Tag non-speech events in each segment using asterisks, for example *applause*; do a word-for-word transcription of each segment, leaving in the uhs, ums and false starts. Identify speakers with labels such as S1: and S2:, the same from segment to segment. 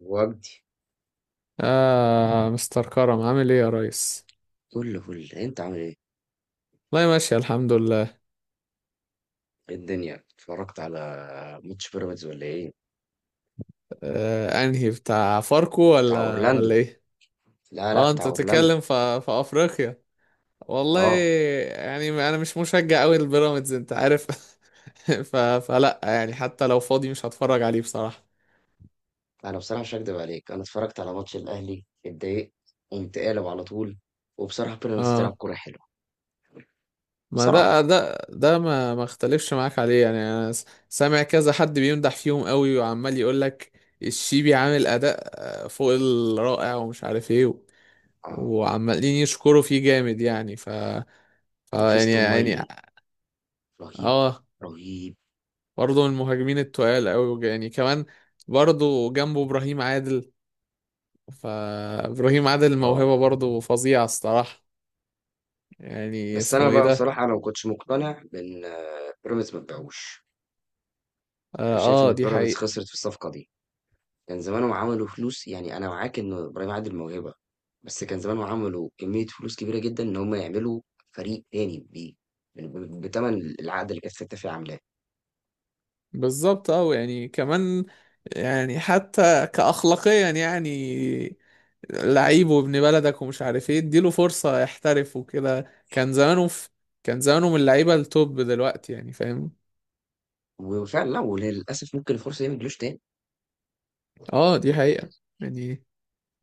S1: وجدي
S2: آه مستر كرم عامل ايه يا ريس؟
S1: فل، فل. أنت عامل إيه؟
S2: والله ماشي الحمد لله.
S1: إيه الدنيا؟ اتفرّجت على ماتش بيراميدز والّا إيه؟
S2: آه انهي بتاع فاركو
S1: بتاع
S2: ولا
S1: أورلاندو،
S2: ولا ايه؟
S1: لا، لأ،
S2: اه
S1: بتاع
S2: انت
S1: أورلاندو،
S2: بتتكلم في في افريقيا. والله.
S1: آه.
S2: يعني انا مش مشجع قوي للبيراميدز انت عارف. *laughs* ف... فلا يعني حتى لو فاضي مش هتفرج عليه بصراحة.
S1: أنا بصراحة مش هاكدب عليك، أنا اتفرّجت على ماتش الأهلي، اتضايقت، قُمت قالب على طول، وبصراحة بيراميدز بتلعب
S2: اه،
S1: كورة حلوة،
S2: ما ده
S1: بصراحة،
S2: ده ده ما ما اختلفش معاك عليه. يعني انا س- سامع كذا حد بيمدح فيهم قوي وعمال يقول لك الشيبي عامل اداء آه، فوق الرائع ومش عارف ايه.
S1: آه.
S2: وعمالين يشكروا فيه جامد يعني. ف... ف يعني
S1: وفيستون
S2: يعني
S1: مايلي رهيب،
S2: اه،
S1: رهيب،
S2: برضه من المهاجمين التقال قوي يعني كمان. برضه جنبه ابراهيم عادل. فابراهيم عادل
S1: آه.
S2: موهبة برضه فظيعة الصراحة. يعني
S1: بس أنا
S2: اسمه ايه
S1: بقى
S2: ده؟
S1: بصراحة أنا ما كنتش مقتنع بإن بيراميدز ما تبيعوش، أنا
S2: اه.
S1: شايف
S2: آه
S1: إن
S2: دي
S1: بيراميدز
S2: حقيقة.
S1: خسرت في الصفقة دي. كان زمانهم عملوا فلوس، يعني أنا معاك إن إبراهيم عادل موهبة، بس كان زمانهم عملوا كمية فلوس كبيرة جدا إن هم يعملوا فريق تاني بيه بتمن العقد اللي كانت ستة فيه عاملاه.
S2: بالظبط، اه، يعني كمان. يعني حتى كأخلاقيا يعني لعيب وابن بلدك ومش عارف ايه اديله فرصة يحترف وكده. كان زمانه في كان زمانه من اللعيبة التوب دلوقتي يعني فاهم.
S1: وفعلا لا، وللأسف ممكن الفرصة دي ما تجيلوش تاني.
S2: اه دي حقيقة. يعني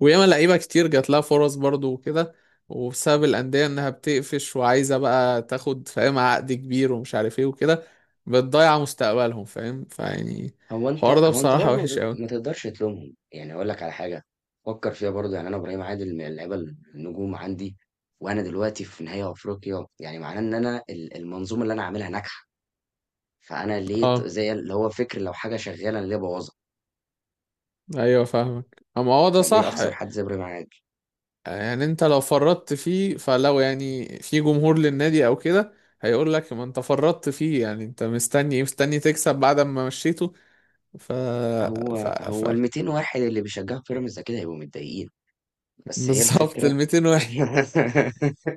S2: وياما لعيبة كتير جات لها فرص برضو وكده، وبسبب الأندية إنها بتقفش وعايزة بقى تاخد فاهم عقد كبير ومش عارف ايه وكده بتضيع مستقبلهم فاهم فيعني.
S1: هو
S2: الحوار
S1: أنت
S2: ده
S1: هو أنت
S2: بصراحة
S1: برضه
S2: وحش أوي.
S1: ما تقدرش تلومهم، يعني أقول لك على حاجة فكر فيها برضه، يعني أنا إبراهيم عادل من اللعيبة النجوم عندي، وأنا دلوقتي في نهائي أفريقيا، يعني معناه إن أنا ال- المنظومة اللي أنا عاملها ناجحة. فأنا ليه ت-
S2: اه،
S1: زي اللي هو فكر، لو حاجة شغالة أنا ليه بوظها؟
S2: أيوة فاهمك، أما هو ده
S1: فليه
S2: صح.
S1: أخسر حد زبر معاك؟
S2: يعني أنت لو فرطت فيه فلو يعني في جمهور للنادي أو كده هيقول لك، ما أنت فرطت فيه. يعني أنت مستني إيه؟ مستني تكسب بعد ما مشيته؟ ف...
S1: هو
S2: ف... ف...
S1: هو ال200 واحد اللي بيشجعوا بيراميدز أكيد هيبقوا متضايقين، بس هي
S2: بالظبط، ال
S1: الفكرة.
S2: المئتين.
S1: *laughs*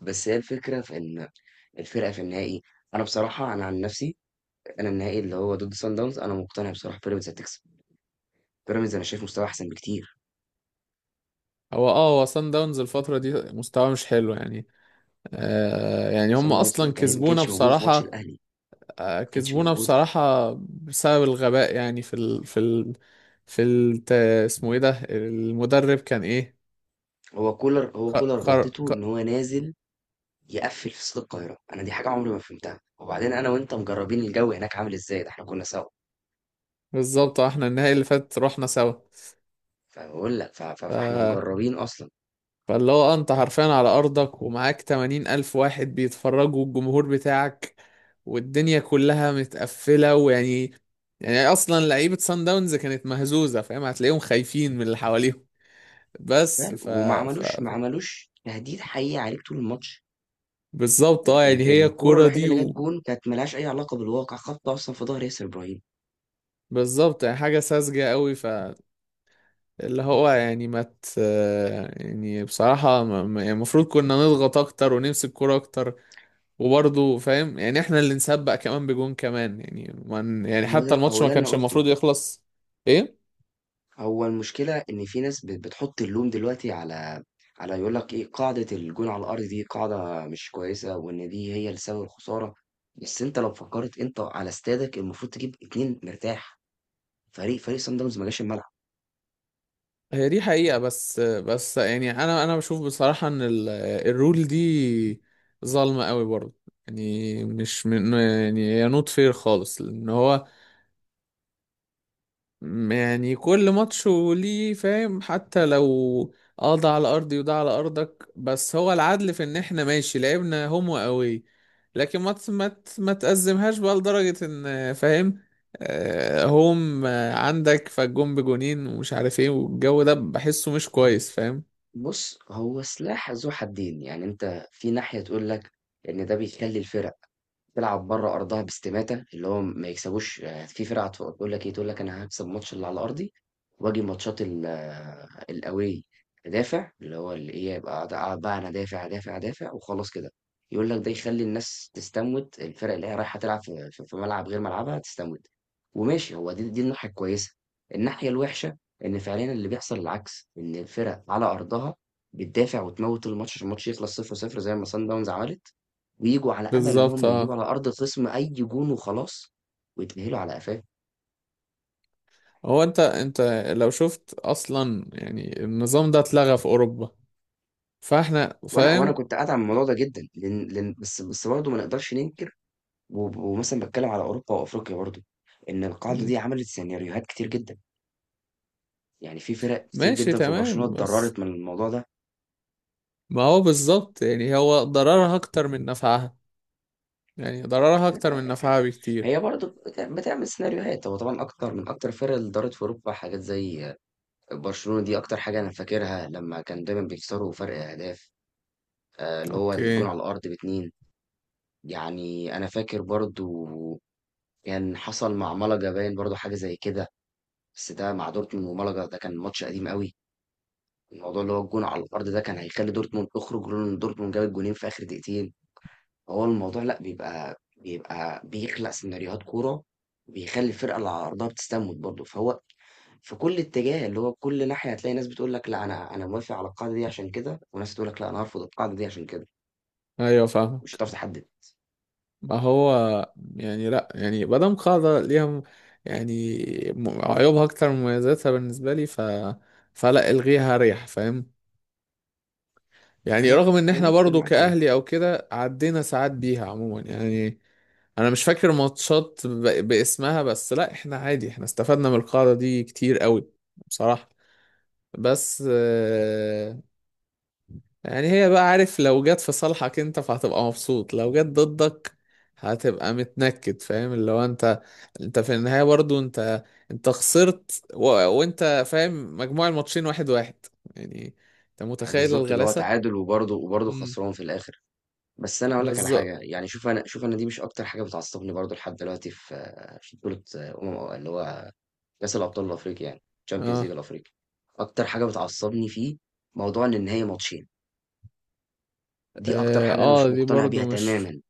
S1: بس هي الفكرة في إن الفرقة في النهائي. أنا بصراحة أنا عن نفسي، أنا النهائي اللي هو ضد صن داونز أنا مقتنع بصراحة بيراميدز هتكسب، بيراميدز أنا شايف مستواه أحسن بكتير،
S2: هو اه هو سان داونز الفترة دي مستواه مش حلو يعني. آه يعني هم
S1: صن داونز ما
S2: اصلا
S1: كان ما
S2: كسبونا
S1: كانتش موجودة في ماتش
S2: بصراحة.
S1: الأهلي،
S2: آه
S1: ما كانتش
S2: كسبونا
S1: موجودة،
S2: بصراحة بسبب الغباء. يعني في ال في ال في ال اسمه ايه ده؟ المدرب كان ايه؟
S1: هو كولر هو
S2: خر
S1: كولر
S2: خر
S1: غلطته
S2: خ-
S1: إن هو نازل يقفل في استاد القاهرة، أنا دي حاجة عمري ما فهمتها، وبعدين أنا وأنت مجربين الجو هناك عامل إزاي، ده إحنا كنا سوا.
S2: بالظبط. آه، احنا النهائي اللي فات رحنا سوا.
S1: فباقول لك ف ف
S2: ف
S1: فإحنا مجرّبين أصلًا.
S2: فاللي هو آه، انت حرفيا على ارضك ومعاك تمانين الف واحد بيتفرجوا، الجمهور بتاعك والدنيا كلها متقفلة ويعني يعني اصلا لعيبة سان داونز كانت مهزوزة فاهم، هتلاقيهم خايفين من اللي حواليهم. بس
S1: فعلًا،
S2: ف,
S1: وما
S2: ف... ف...
S1: عملوش ما عملوش تهديد حقيقي عليك طول الماتش،
S2: بالظبط، اه،
S1: ال
S2: يعني
S1: ال
S2: هي
S1: الكورة
S2: الكرة
S1: الوحيدة
S2: دي.
S1: اللي جات
S2: و...
S1: جون كانت ما لهاش أي علاقة بالواقع، خبطة أصلًا في ضهر ياسر إبراهيم،
S2: بالظبط يعني حاجة ساذجة قوي. فاللي هو يعني ما مت... يعني بصراحة ما- ما- يعني المفروض كنا نضغط اكتر ونمسك كرة اكتر. وبرضه فاهم يعني احنا اللي نسبق كمان بجون كمان، يعني من يعني
S1: هو ده
S2: حتى الماتش
S1: هو
S2: ما
S1: ده اللي أنا
S2: كانش
S1: قُلته،
S2: المفروض يخلص. ايه.
S1: هو المشكلة إن في ناس بت بتحُط اللوم دلوقتي على على يقول لك إيه، قاعدة الجون على الأرض دي قاعدة مش كويسة، وإن دي هي اللي سبب الخسارة، بس أنت لو فكّرت أنت على استادك المفروض تجيب اتنين مرتاح، فريق فريق صن داونز ما جاش الملعب.
S2: هي دي حقيقة. بس بس يعني انا انا بشوف بصراحة ان ال- الرول دي ظالمة قوي برضه. يعني مش من يعني هي نوت فير خالص لان هو يعني كل ماتش وليه فاهم. حتى لو اه ده على ارضي وده على ارضك، بس هو العدل في ان احنا ماشي لعبنا هوم واوي. لكن ما ت- ما ت- ما تأزمهاش بقى لدرجة ان فاهم آه، هوم آه، عندك فالجون بجونين ومش عارف ايه والجو ده بحسه مش كويس فاهم.
S1: بُص، هو سلاح ذو حدّين، يعني أنت في ناحية تقول لك إن ده بيخلّي الفرق تلعب بره أرضها باستماتة، اللي هو ما يكسبوش، يعني في فرق هتف تقول لك إيه، تقول لك أنا هاكسب الماتش اللي على أرضي، وآجي ماتشات ال آه، الأواي أدافع، اللي هو اللي إيه، أبقى قاعد قاعد بقى أنا أدافع، أدافع، أدافع وخلاص كده، يقول لك ده يخلّي الناس تستموت، الفرق اللي هي رايحة تلعب في في في ملعب غير ملعبها تستموت، وماشي، هو دي دي الناحية الكويسة، الناحية الوحشة إن فعليًا اللي بيحصل العكس، إن الفرق على أرضها بتدافع وتموت الماتش عشان الماتش يخلص صفر صفر زي ما صن داونز عملت. وييجوا على امل ان
S2: بالظبط،
S1: هم يجيبوا
S2: اه.
S1: على ارض الخصم اي جون وخلاص ويتاهلوا على قفاه.
S2: هو انت انت لو شفت اصلا يعني النظام ده اتلغى في اوروبا، فاحنا
S1: وانا وانا
S2: فاهم.
S1: كنت قاعد على الموضوع ده جدا، لان لان بس بس برضه ما نقدرش ننكر، و- ومثلا بتكلم على اوروبا وافريقيا برضه، ان القاعده دي
S2: مم.
S1: عملت سيناريوهات كتير جدا، يعني في فرق كتير
S2: ماشي
S1: جدا في برشلونه
S2: تمام، بس
S1: اتضررت من الموضوع ده.
S2: ما هو بالظبط، يعني هو ضررها اكتر من نفعها. يعني ضررها
S1: *laughs*
S2: اكتر
S1: لا،
S2: من نفعها بكتير.
S1: هي برضه بت- بتعمل سيناريوهات، هو طبعا اكتر من اكتر الفرق اللي دارت في اوروبا حاجات زي برشلونه، دي اكتر حاجه انا فاكرها، لما كان دايما بيكسروا فرق اهداف، آه، اللي هو الجون
S2: اوكي.
S1: على الارض باتنين. يعني أنا فاكر برضه كان حصل مع مَلَقا، باين برضه حاجة زي كده، بس ده مع دورتموند، ومَلَقا ده كان ماتش قديم أوي، الموضوع اللي هو الجون على الأرض ده كان هيخلّي دورتموند تخرج، لولا إن دورتموند جاب الجونين في آخر دقيقتين، فهو الموضوع لأ، بيبقى بيبقى بيخلق سيناريوهات كورة، بيخلّي الفرقة اللي على أرضها بتستموت برضه، فهو في كل اتجاه، اللي هو كل ناحية هتلاقي ناس بتقول لك لأ أنا أنا موافق على القاعدة دي عشان كده، وناس تقول لك لأ أنا هارفض القاعدة دي عشان كده،
S2: ايوه
S1: مش
S2: فاهمك.
S1: هتعرف تحدد.
S2: ما هو يعني لا يعني مادام قاعدة ليها م- يعني م- عيوبها اكتر من مميزاتها بالنسبة لي، ف فلا الغيها ريح فاهم. يعني
S1: أنا مع
S2: رغم ان
S1: أنا
S2: احنا
S1: ممكن
S2: برضو
S1: معاك.
S2: كأهلي او كده عدينا ساعات بيها عموما يعني، انا مش فاكر ماتشات ب... باسمها، بس لا احنا عادي احنا استفدنا من القاعدة دي كتير قوي بصراحة. بس يعني هي بقى عارف، لو جت في صالحك انت فهتبقى مبسوط، لو جت ضدك هتبقى متنكد فاهم. اللي هو انت، انت في النهاية برضو انت، انت خسرت. و... وانت فاهم مجموع الماتشين واحد واحد. يعني انت
S1: آه،
S2: متخيل
S1: بالظبط اللي هو
S2: الغلاسة.
S1: تعادل، وبرضه وبرضه
S2: امم.
S1: خسران في الاخر. بس انا اقول لك على
S2: بالظبط.
S1: حاجه، يعني شوف انا شوف انا دي مش اكتر حاجه بتعصبني برضه لحد دلوقتي في آه، في بطوله آه، امم اللي هو كاس الابطال الافريقي، يعني تشامبيونز
S2: اه.
S1: ليج الافريقي. اكتر حاجه بتعصبني فيه موضوع ان النهائي ماتشين، دي اكتر
S2: اه
S1: حاجه انا مش
S2: آه، دي
S1: مقتنع بيها
S2: برضو مش
S1: تماما،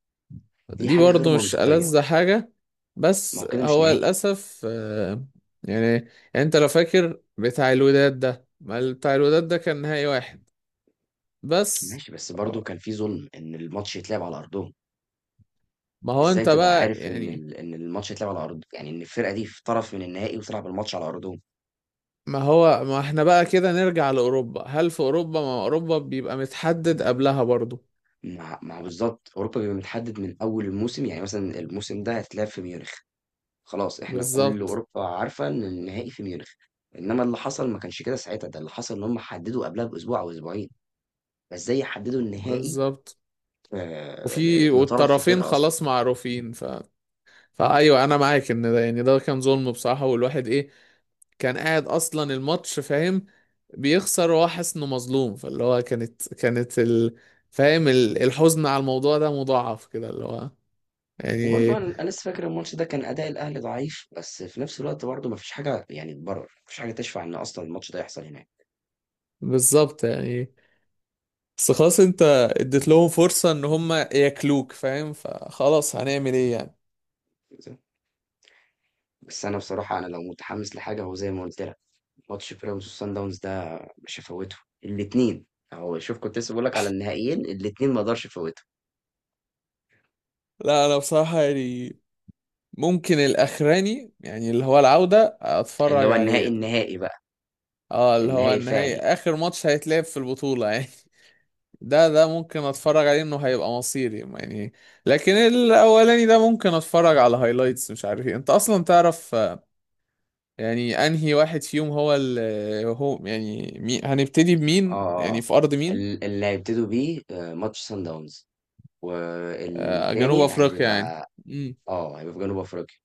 S1: دي
S2: دي
S1: حاجه غير
S2: برضو مش
S1: منطقيه،
S2: ألذ حاجة
S1: ما
S2: بس
S1: هو كده مش
S2: هو
S1: نهائي.
S2: للأسف. آه يعني يعني انت لو فاكر بتاع الوداد ده، ما بتاع الوداد ده كان نهائي واحد بس.
S1: ماشي، بس برضه كان في ظلم ان الماتش يتلعب على ارضهم،
S2: ما هو
S1: ازاي
S2: انت
S1: تبقى
S2: بقى
S1: عارف ان
S2: يعني.
S1: ال- ان الماتش يتلعب على ارض، يعني ان الفرقه دي في طرف من النهائي وتلعب الماتش على ارضهم.
S2: ما هو ما احنا بقى كده نرجع لأوروبا. هل في أوروبا، ما أوروبا بيبقى متحدد قبلها برضو.
S1: ما ما هو بالضبط، أوروبا بيبقى متحدد من أول الموسم، يعني مثلًا الموسم ده هيتلعب في ميونخ، خلاص إحنا كل
S2: بالظبط.
S1: أوروبا عارفة إن النهائي في ميونخ، إنما اللي حصل ما كانش كده ساعتها، ده اللي حصل إن هُم حددوا قبلها بأسبوع أو أسبوعين، فإزاي يحددوا النهائي
S2: بالظبط.
S1: ف ل
S2: وفي
S1: لطرف في
S2: والطرفين
S1: فرقة أصلًا؟
S2: خلاص معروفين. ف... فأيوه أنا معاك إن ده يعني ده كان ظلم بصراحة، والواحد إيه، كان قاعد أصلا الماتش فاهم بيخسر وهو حاسس إنه مظلوم. فاللي هو كانت كانت ال... فاهم ال- الحزن على الموضوع ده مضاعف كده اللي هو يعني.
S1: وبرضه أنا أنا لسه فاكر الماتش ده كان أداء الأهلي ضعيف، بس في نفس الوقت برضه ما فيش حاجة يعني تبرر، ما فيش حاجة تشفع إن أصلًا الماتش ده يحصل هناك.
S2: بالظبط، يعني بس خلاص انت اديت لهم فرصة ان هم ياكلوك فاهم. فخلاص هنعمل ايه يعني؟
S1: بس أنا بصراحة أنا لو متحمس لحاجة هو زي ما قُلت لك. ماتش بيراميدز وصن داونز ده مش هفوته الاثنين، اهو شوف كنت لسه بقول لك على النهائيين الاثنين ما اقدرش افوته،
S2: لا انا بصراحة يعني ممكن الاخراني، يعني اللي هو العودة،
S1: اللي
S2: اتفرج
S1: هو النهائي
S2: عليه.
S1: النهائي بقى،
S2: اه، اللي هو
S1: النهائي
S2: النهائي،
S1: الفعلي.
S2: اخر ماتش هيتلعب في البطولة يعني. *laughs* ده ده ممكن اتفرج عليه انه هيبقى مصيري يعني. لكن الاولاني ده ممكن اتفرج على هايلايتس مش عارف ايه انت اصلا تعرف. آه، يعني انهي واحد فيهم هو ال هو يعني مين هنبتدي بمين؟
S1: اه اه
S2: يعني في ارض مين؟
S1: ال- اللي هيبتدوا بيه آه، ماتش صن داونز،
S2: آه، جنوب
S1: والتاني
S2: افريقيا يعني.
S1: هيبقى
S2: امم.
S1: اه هيبقى في جنوب افريقيا،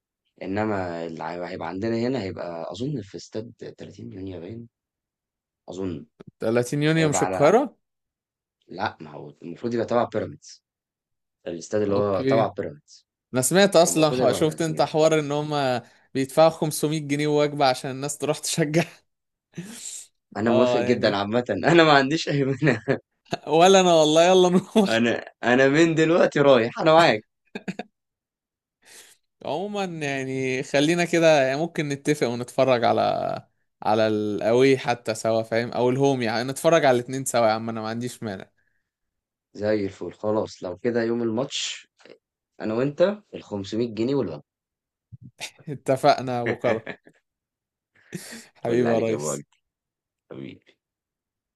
S1: انما اللي هي- هيبقى عندنا هنا، هيبقى اظن في استاد تلاتين مليون يابان اظن.
S2: تلاتين يونيو مش
S1: هيبقى على
S2: القاهرة.
S1: لا، ما هو المفروض يبقى تبع بيراميدز، الاستاد اللي هو تبع
S2: اوكي.
S1: بيراميدز،
S2: انا سمعت اصلا
S1: فالمفروض
S2: ح-
S1: يبقى
S2: شفت انت
S1: تلاتين.
S2: حوار ان هم بيدفعوا خمسمائة جنيه وجبة عشان الناس تروح تشجع. *laughs*
S1: انا موافق
S2: اه
S1: جدا
S2: يعني
S1: عامة. *laughs* انا ما عنديش اي مانع.
S2: ولا انا، والله يلا
S1: *laughs*
S2: نروح.
S1: انا انا من دلوقتي رايح، انا معاك.
S2: *laughs* عموما يعني خلينا كده. يعني ممكن نتفق ونتفرج على على الاوي حتى سوا فاهم، او الهوم، يعني نتفرج على الاتنين سوا يا عم، انا ما عنديش مانع.
S1: زي الفل خلاص، لو كده يوم الماتش انا وانت ال خمسمائة جنيه والوجبة.
S2: *laughs* اتفقنا يا ابو كرم،
S1: *laughs* قول
S2: حبيبي يا
S1: عليك يا ابو وجد،
S2: ريس.
S1: حبيبي.